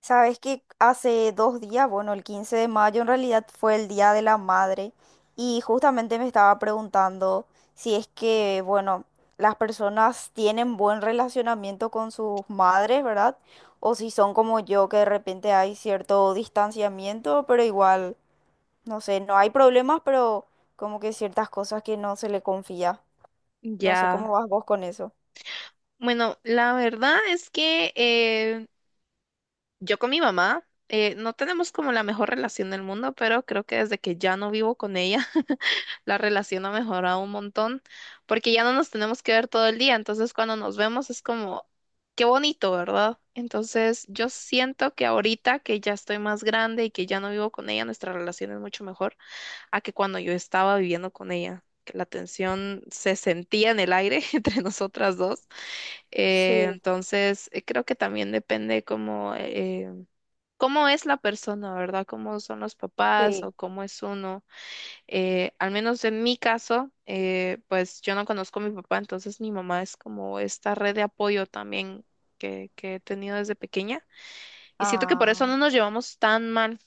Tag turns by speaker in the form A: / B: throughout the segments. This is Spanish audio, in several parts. A: Sabes que hace 2 días, bueno, el 15 de mayo en realidad fue el Día de la Madre y justamente me estaba preguntando si es que, bueno, las personas tienen buen relacionamiento con sus madres, ¿verdad? O si son como yo, que de repente hay cierto distanciamiento, pero igual, no sé, no hay problemas, pero como que ciertas cosas que no se le confía. No sé cómo
B: Ya.
A: vas vos con eso.
B: Bueno, la verdad es que yo con mi mamá no tenemos como la mejor relación del mundo, pero creo que desde que ya no vivo con ella, la relación ha mejorado un montón, porque ya no nos tenemos que ver todo el día, entonces cuando nos vemos es como, qué bonito, ¿verdad? Entonces yo siento que ahorita que ya estoy más grande y que ya no vivo con ella, nuestra relación es mucho mejor a que cuando yo estaba viviendo con ella, que la tensión se sentía en el aire entre nosotras dos. Eh,
A: Sí,
B: entonces, creo que también depende cómo, cómo es la persona, ¿verdad? Cómo son los papás
A: sí.
B: o cómo es uno. Al menos en mi caso, pues yo no conozco a mi papá, entonces mi mamá es como esta red de apoyo también que he tenido desde pequeña. Y siento que por eso
A: Ah.
B: no nos llevamos tan mal.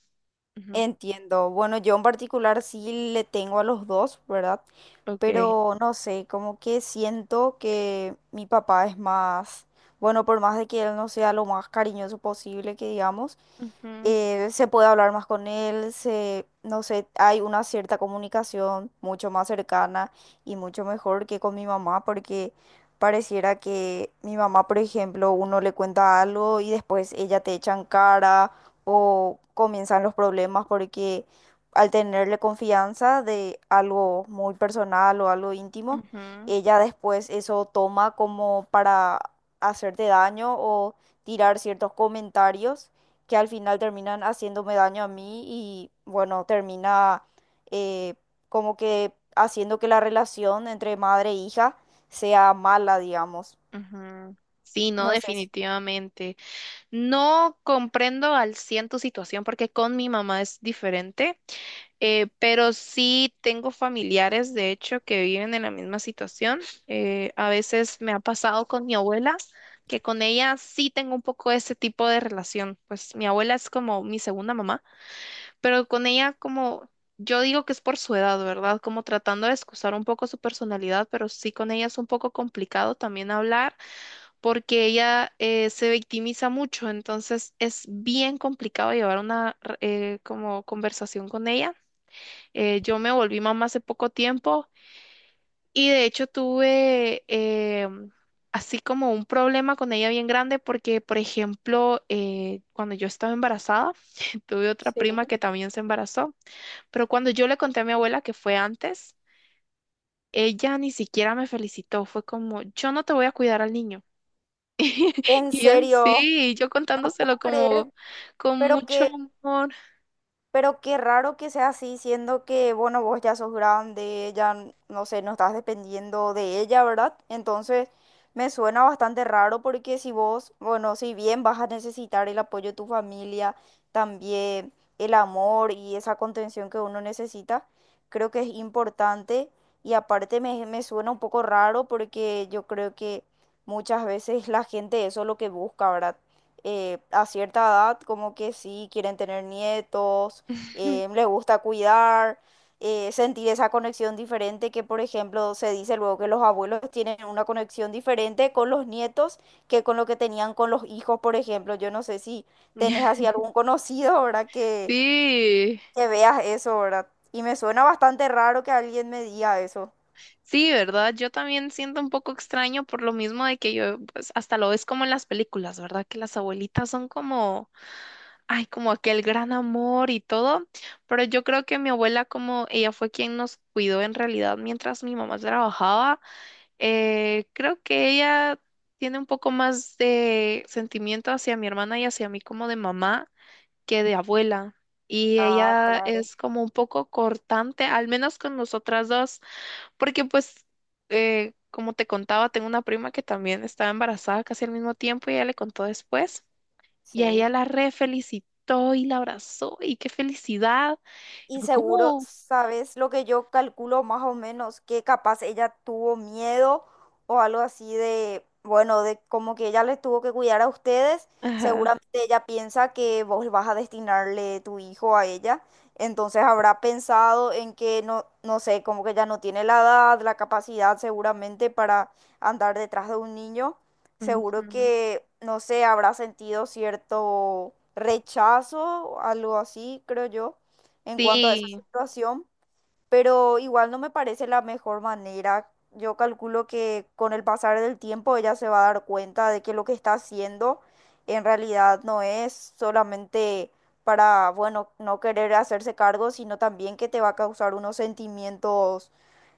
B: Ujú.
A: Entiendo. Bueno, yo en particular sí le tengo a los dos, ¿verdad?
B: Ok.
A: Pero no sé, como que siento que mi papá es más, bueno, por más de que él no sea lo más cariñoso posible, que digamos
B: Ujú,
A: se puede hablar más con él, se, no sé, hay una cierta comunicación mucho más cercana y mucho mejor que con mi mamá, porque pareciera que mi mamá, por ejemplo, uno le cuenta algo y después ella te echa en cara o comienzan los problemas porque al tenerle confianza de algo muy personal o algo íntimo,
B: ujú.
A: ella después eso toma como para hacerte daño o tirar ciertos comentarios que al final terminan haciéndome daño a mí y bueno, termina eh, como que haciendo que la relación entre madre e hija sea mala, digamos.
B: Ujú. Sí, no,
A: No sé, si-
B: definitivamente. No comprendo al 100 tu situación porque con mi mamá es diferente, pero sí tengo familiares, de hecho, que viven en la misma situación. A veces me ha pasado con mi abuela, que con ella sí tengo un poco ese tipo de relación. Pues mi abuela es como mi segunda mamá, pero con ella como... Yo digo que es por su edad, ¿verdad? Como tratando de excusar un poco su personalidad, pero sí con ella es un poco complicado también hablar porque ella se victimiza mucho, entonces es bien complicado llevar una como conversación con ella. Yo me volví mamá hace poco tiempo y de hecho tuve así como un problema con ella bien grande porque, por ejemplo, cuando yo estaba embarazada, tuve otra
A: Sí.
B: prima que también se embarazó, pero cuando yo le conté a mi abuela que fue antes, ella ni siquiera me felicitó, fue como, yo no te voy a cuidar al niño.
A: En
B: Y él sí,
A: serio,
B: y yo
A: no puedo
B: contándoselo como
A: creer,
B: con
A: pero
B: mucho
A: que
B: amor.
A: pero qué raro que sea así, siendo que, bueno, vos ya sos grande, ya, no sé, no estás dependiendo de ella, ¿verdad? Entonces, me suena bastante raro porque si vos, bueno, si bien vas a necesitar el apoyo de tu familia, también el amor y esa contención que uno necesita, creo que es importante. Y aparte me suena un poco raro porque yo creo que muchas veces la gente eso es lo que busca, ¿verdad? A cierta edad, como que sí, quieren tener nietos le gusta cuidar, sentir esa conexión diferente que, por ejemplo, se dice luego que los abuelos tienen una conexión diferente con los nietos que con lo que tenían con los hijos, por ejemplo. Yo no sé si tenés así algún conocido, ¿verdad?
B: Sí,
A: Que veas eso, ¿verdad? Y me suena bastante raro que alguien me diga eso.
B: sí, ¿verdad? Yo también siento un poco extraño por lo mismo de que yo, pues hasta lo ves como en las películas, ¿verdad? Que las abuelitas son como, ay, como aquel gran amor y todo, pero yo creo que mi abuela como ella fue quien nos cuidó en realidad mientras mi mamá trabajaba, creo que ella tiene un poco más de sentimiento hacia mi hermana y hacia mí como de mamá. Que de abuela. Y
A: Ah,
B: ella
A: claro.
B: es como un poco cortante, al menos con nosotras dos, porque pues, como te contaba, tengo una prima que también estaba embarazada casi al mismo tiempo y ella le contó después. Y a ella
A: Sí.
B: la re felicitó y la abrazó y qué felicidad. Y
A: Y
B: fue
A: seguro
B: como.
A: sabes lo que yo calculo más o menos, que capaz ella tuvo miedo o algo así de, bueno, de como que ella les tuvo que cuidar a ustedes.
B: Ajá.
A: Seguramente ella piensa que vos vas a destinarle tu hijo a ella. Entonces habrá pensado en que no, no sé, como que ella no tiene la edad, la capacidad seguramente para andar detrás de un niño. Seguro
B: Ujú.
A: que, no sé, habrá sentido cierto rechazo, algo así, creo yo en cuanto a esa
B: Sí.
A: situación, pero igual no me parece la mejor manera. Yo calculo que con el pasar del tiempo ella se va a dar cuenta de que lo que está haciendo en realidad no es solamente para, bueno, no querer hacerse cargo, sino también que te va a causar unos sentimientos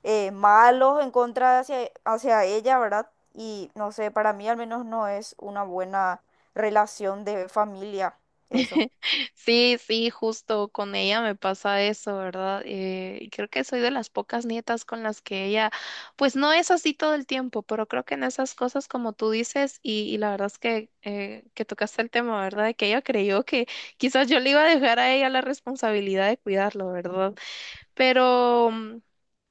A: malos en contra hacia ella, ¿verdad? Y no sé, para mí al menos no es una buena relación de familia, eso.
B: Sí, sí, justo con ella me pasa eso, ¿verdad? Y creo que soy de las pocas nietas con las que ella, pues no es así todo el tiempo, pero creo que en esas cosas, como tú dices, y la verdad es que tocaste el tema, ¿verdad? De que ella creyó que quizás yo le iba a dejar a ella la responsabilidad de cuidarlo, ¿verdad? Pero... mm,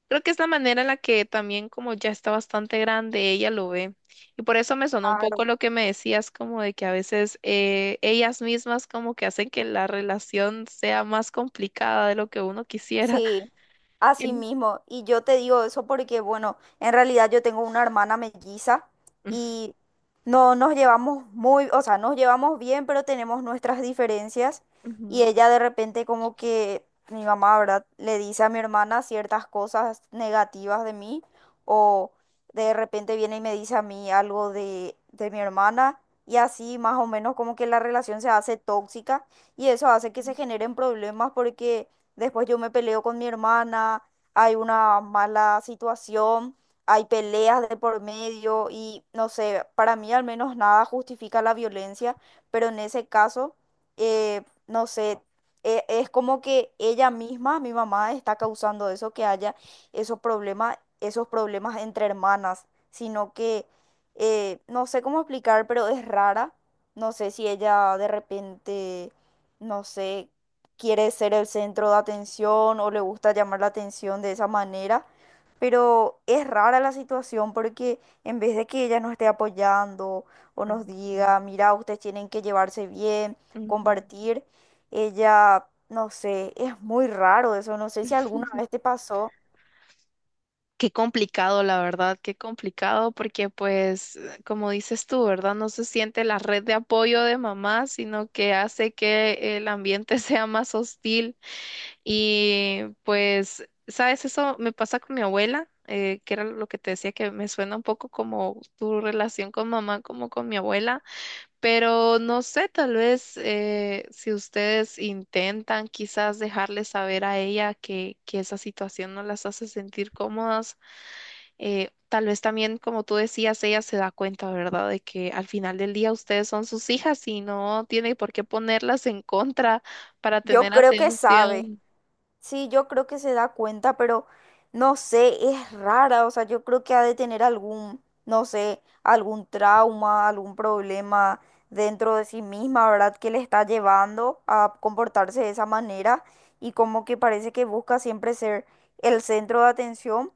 B: Creo que es la manera en la que también como ya está bastante grande, ella lo ve. Y por eso me sonó un poco
A: Claro.
B: lo que me decías, como de que a veces ellas mismas como que hacen que la relación sea más complicada de lo que uno quisiera.
A: Sí, así
B: Em,
A: mismo. Y yo te digo eso porque, bueno, en realidad yo tengo una hermana melliza y no nos llevamos muy, o sea, nos llevamos bien, pero tenemos nuestras diferencias. Y
B: ujú,
A: ella de repente como que mi mamá, ¿verdad? Le dice a mi hermana ciertas cosas negativas de mí o de repente viene y me dice a mí algo de mi hermana. Y así más o menos como que la relación se hace tóxica y eso hace que se generen problemas porque después yo me peleo con mi hermana, hay una mala situación, hay peleas de por medio y no sé, para mí al menos nada justifica la violencia, pero en ese caso, no sé, es como que ella misma, mi mamá, está causando eso, que haya esos problemas entre hermanas, sino que no sé cómo explicar, pero es rara. No sé si ella de repente, no sé, quiere ser el centro de atención o le gusta llamar la atención de esa manera, pero es rara la situación porque en vez de que ella nos esté apoyando o nos
B: ujú,
A: diga, mira, ustedes tienen que llevarse bien,
B: ujú.
A: compartir, ella, no sé, es muy raro eso, no sé si alguna vez te pasó.
B: Qué complicado, la verdad, qué complicado, porque pues, como dices tú, ¿verdad? No se siente la red de apoyo de mamá, sino que hace que el ambiente sea más hostil. Y pues, ¿sabes? Eso me pasa con mi abuela, que era lo que te decía que me suena un poco como tu relación con mamá, como con mi abuela, pero no sé, tal vez si ustedes intentan quizás dejarle saber a ella que esa situación no las hace sentir cómodas, tal vez también, como tú decías, ella se da cuenta, ¿verdad? De que al final del día ustedes son sus hijas y no tiene por qué ponerlas en contra para
A: Yo
B: tener
A: creo que sabe.
B: atención.
A: Sí, yo creo que se da cuenta, pero no sé, es rara, o sea, yo creo que ha de tener algún, no sé, algún trauma, algún problema dentro de sí misma, ¿verdad? Que le está llevando a comportarse de esa manera y como que parece que busca siempre ser el centro de atención,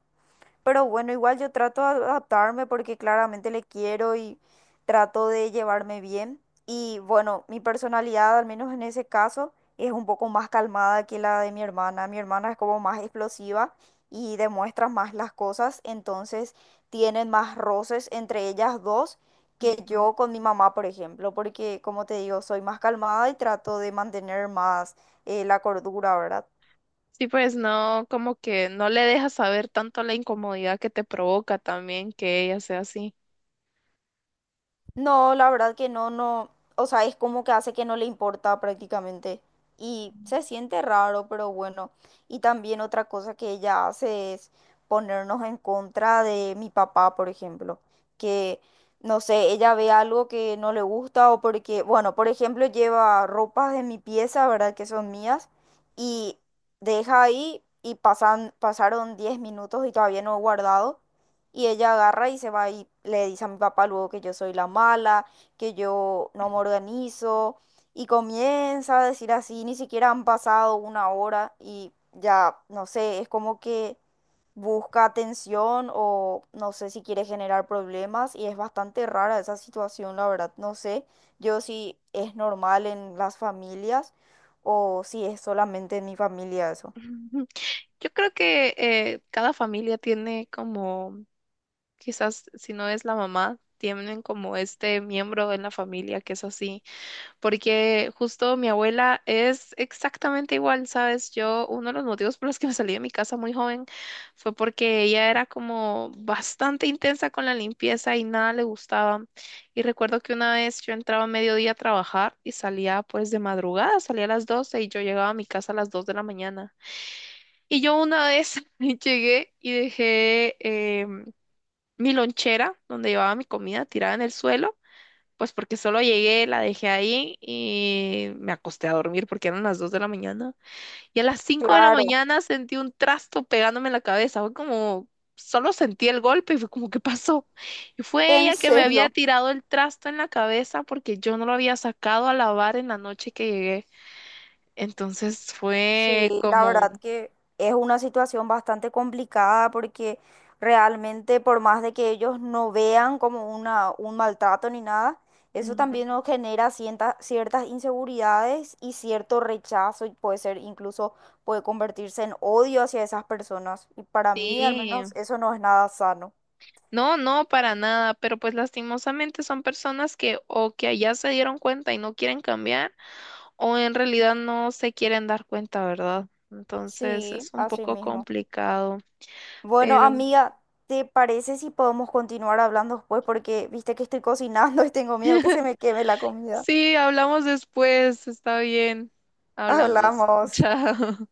A: pero bueno, igual yo trato de adaptarme porque claramente le quiero y trato de llevarme bien. Y bueno, mi personalidad, al menos en ese caso, es un poco más calmada que la de mi hermana. Mi hermana es como más explosiva y demuestra más las cosas, entonces tienen más roces entre ellas dos que
B: Ujú.
A: yo con mi mamá, por ejemplo, porque como te digo, soy más calmada y trato de mantener más la cordura, ¿verdad?
B: Sí, pues no, como que no le dejas saber tanto la incomodidad que te provoca también que ella sea así.
A: No, la verdad que no, no, o sea, es como que hace que no le importa prácticamente y se siente raro, pero bueno. Y también otra cosa que ella hace es ponernos en contra de mi papá, por ejemplo, que no sé, ella ve algo que no le gusta o porque, bueno, por ejemplo, lleva ropas de mi pieza, ¿verdad? Que son mías y deja ahí y pasan, pasaron 10 minutos y todavía no he guardado. Y ella agarra y se va y le dice a mi papá luego que yo soy la mala, que yo no me organizo. Y comienza a decir así, ni siquiera han pasado una hora y ya, no sé, es como que busca atención o no sé si quiere generar problemas y es bastante rara esa situación, la verdad. No sé yo si es normal en las familias o si es solamente en mi familia eso.
B: Ujú. Yo creo que cada familia tiene como, quizás si no es la mamá, tienen como este miembro en la familia que es así. Porque justo mi abuela es exactamente igual, ¿sabes? Yo, uno de los motivos por los que me salí de mi casa muy joven fue porque ella era como bastante intensa con la limpieza y nada le gustaba. Y recuerdo que una vez yo entraba a mediodía a trabajar y salía pues de madrugada, salía a las 12 y yo llegaba a mi casa a las 2 de la mañana. Y yo una vez llegué y dejé em, mi lonchera donde llevaba mi comida tirada en el suelo. Pues porque solo llegué, la dejé ahí y me acosté a dormir porque eran las 2 de la mañana. Y a las cinco de la
A: Claro,
B: mañana sentí un trasto pegándome en la cabeza. Fue como, solo sentí el golpe y fue como, ¿qué pasó? Y fue
A: en
B: ella que me había
A: serio.
B: tirado el trasto en la cabeza porque yo no lo había sacado a lavar en la noche que llegué. Entonces fue
A: Sí, la
B: como,
A: verdad que es una situación bastante complicada porque realmente por más de que ellos no vean como una, un maltrato ni nada, eso también
B: Ujú.
A: nos genera ciertas inseguridades y cierto rechazo y puede ser incluso puede convertirse en odio hacia esas personas. Y para mí al
B: Sí.
A: menos eso no es nada sano.
B: No, no, para nada, pero pues lastimosamente son personas que o que allá se dieron cuenta y no quieren cambiar o en realidad no se quieren dar cuenta, ¿verdad? Entonces es
A: Sí,
B: un
A: así
B: poco
A: mismo.
B: complicado,
A: Bueno,
B: pero
A: amiga, ¿te parece si podemos continuar hablando después? Porque viste que estoy cocinando y tengo miedo que se me queme la comida.
B: sí, hablamos después, está bien, hablamos,
A: Hablamos.
B: chao.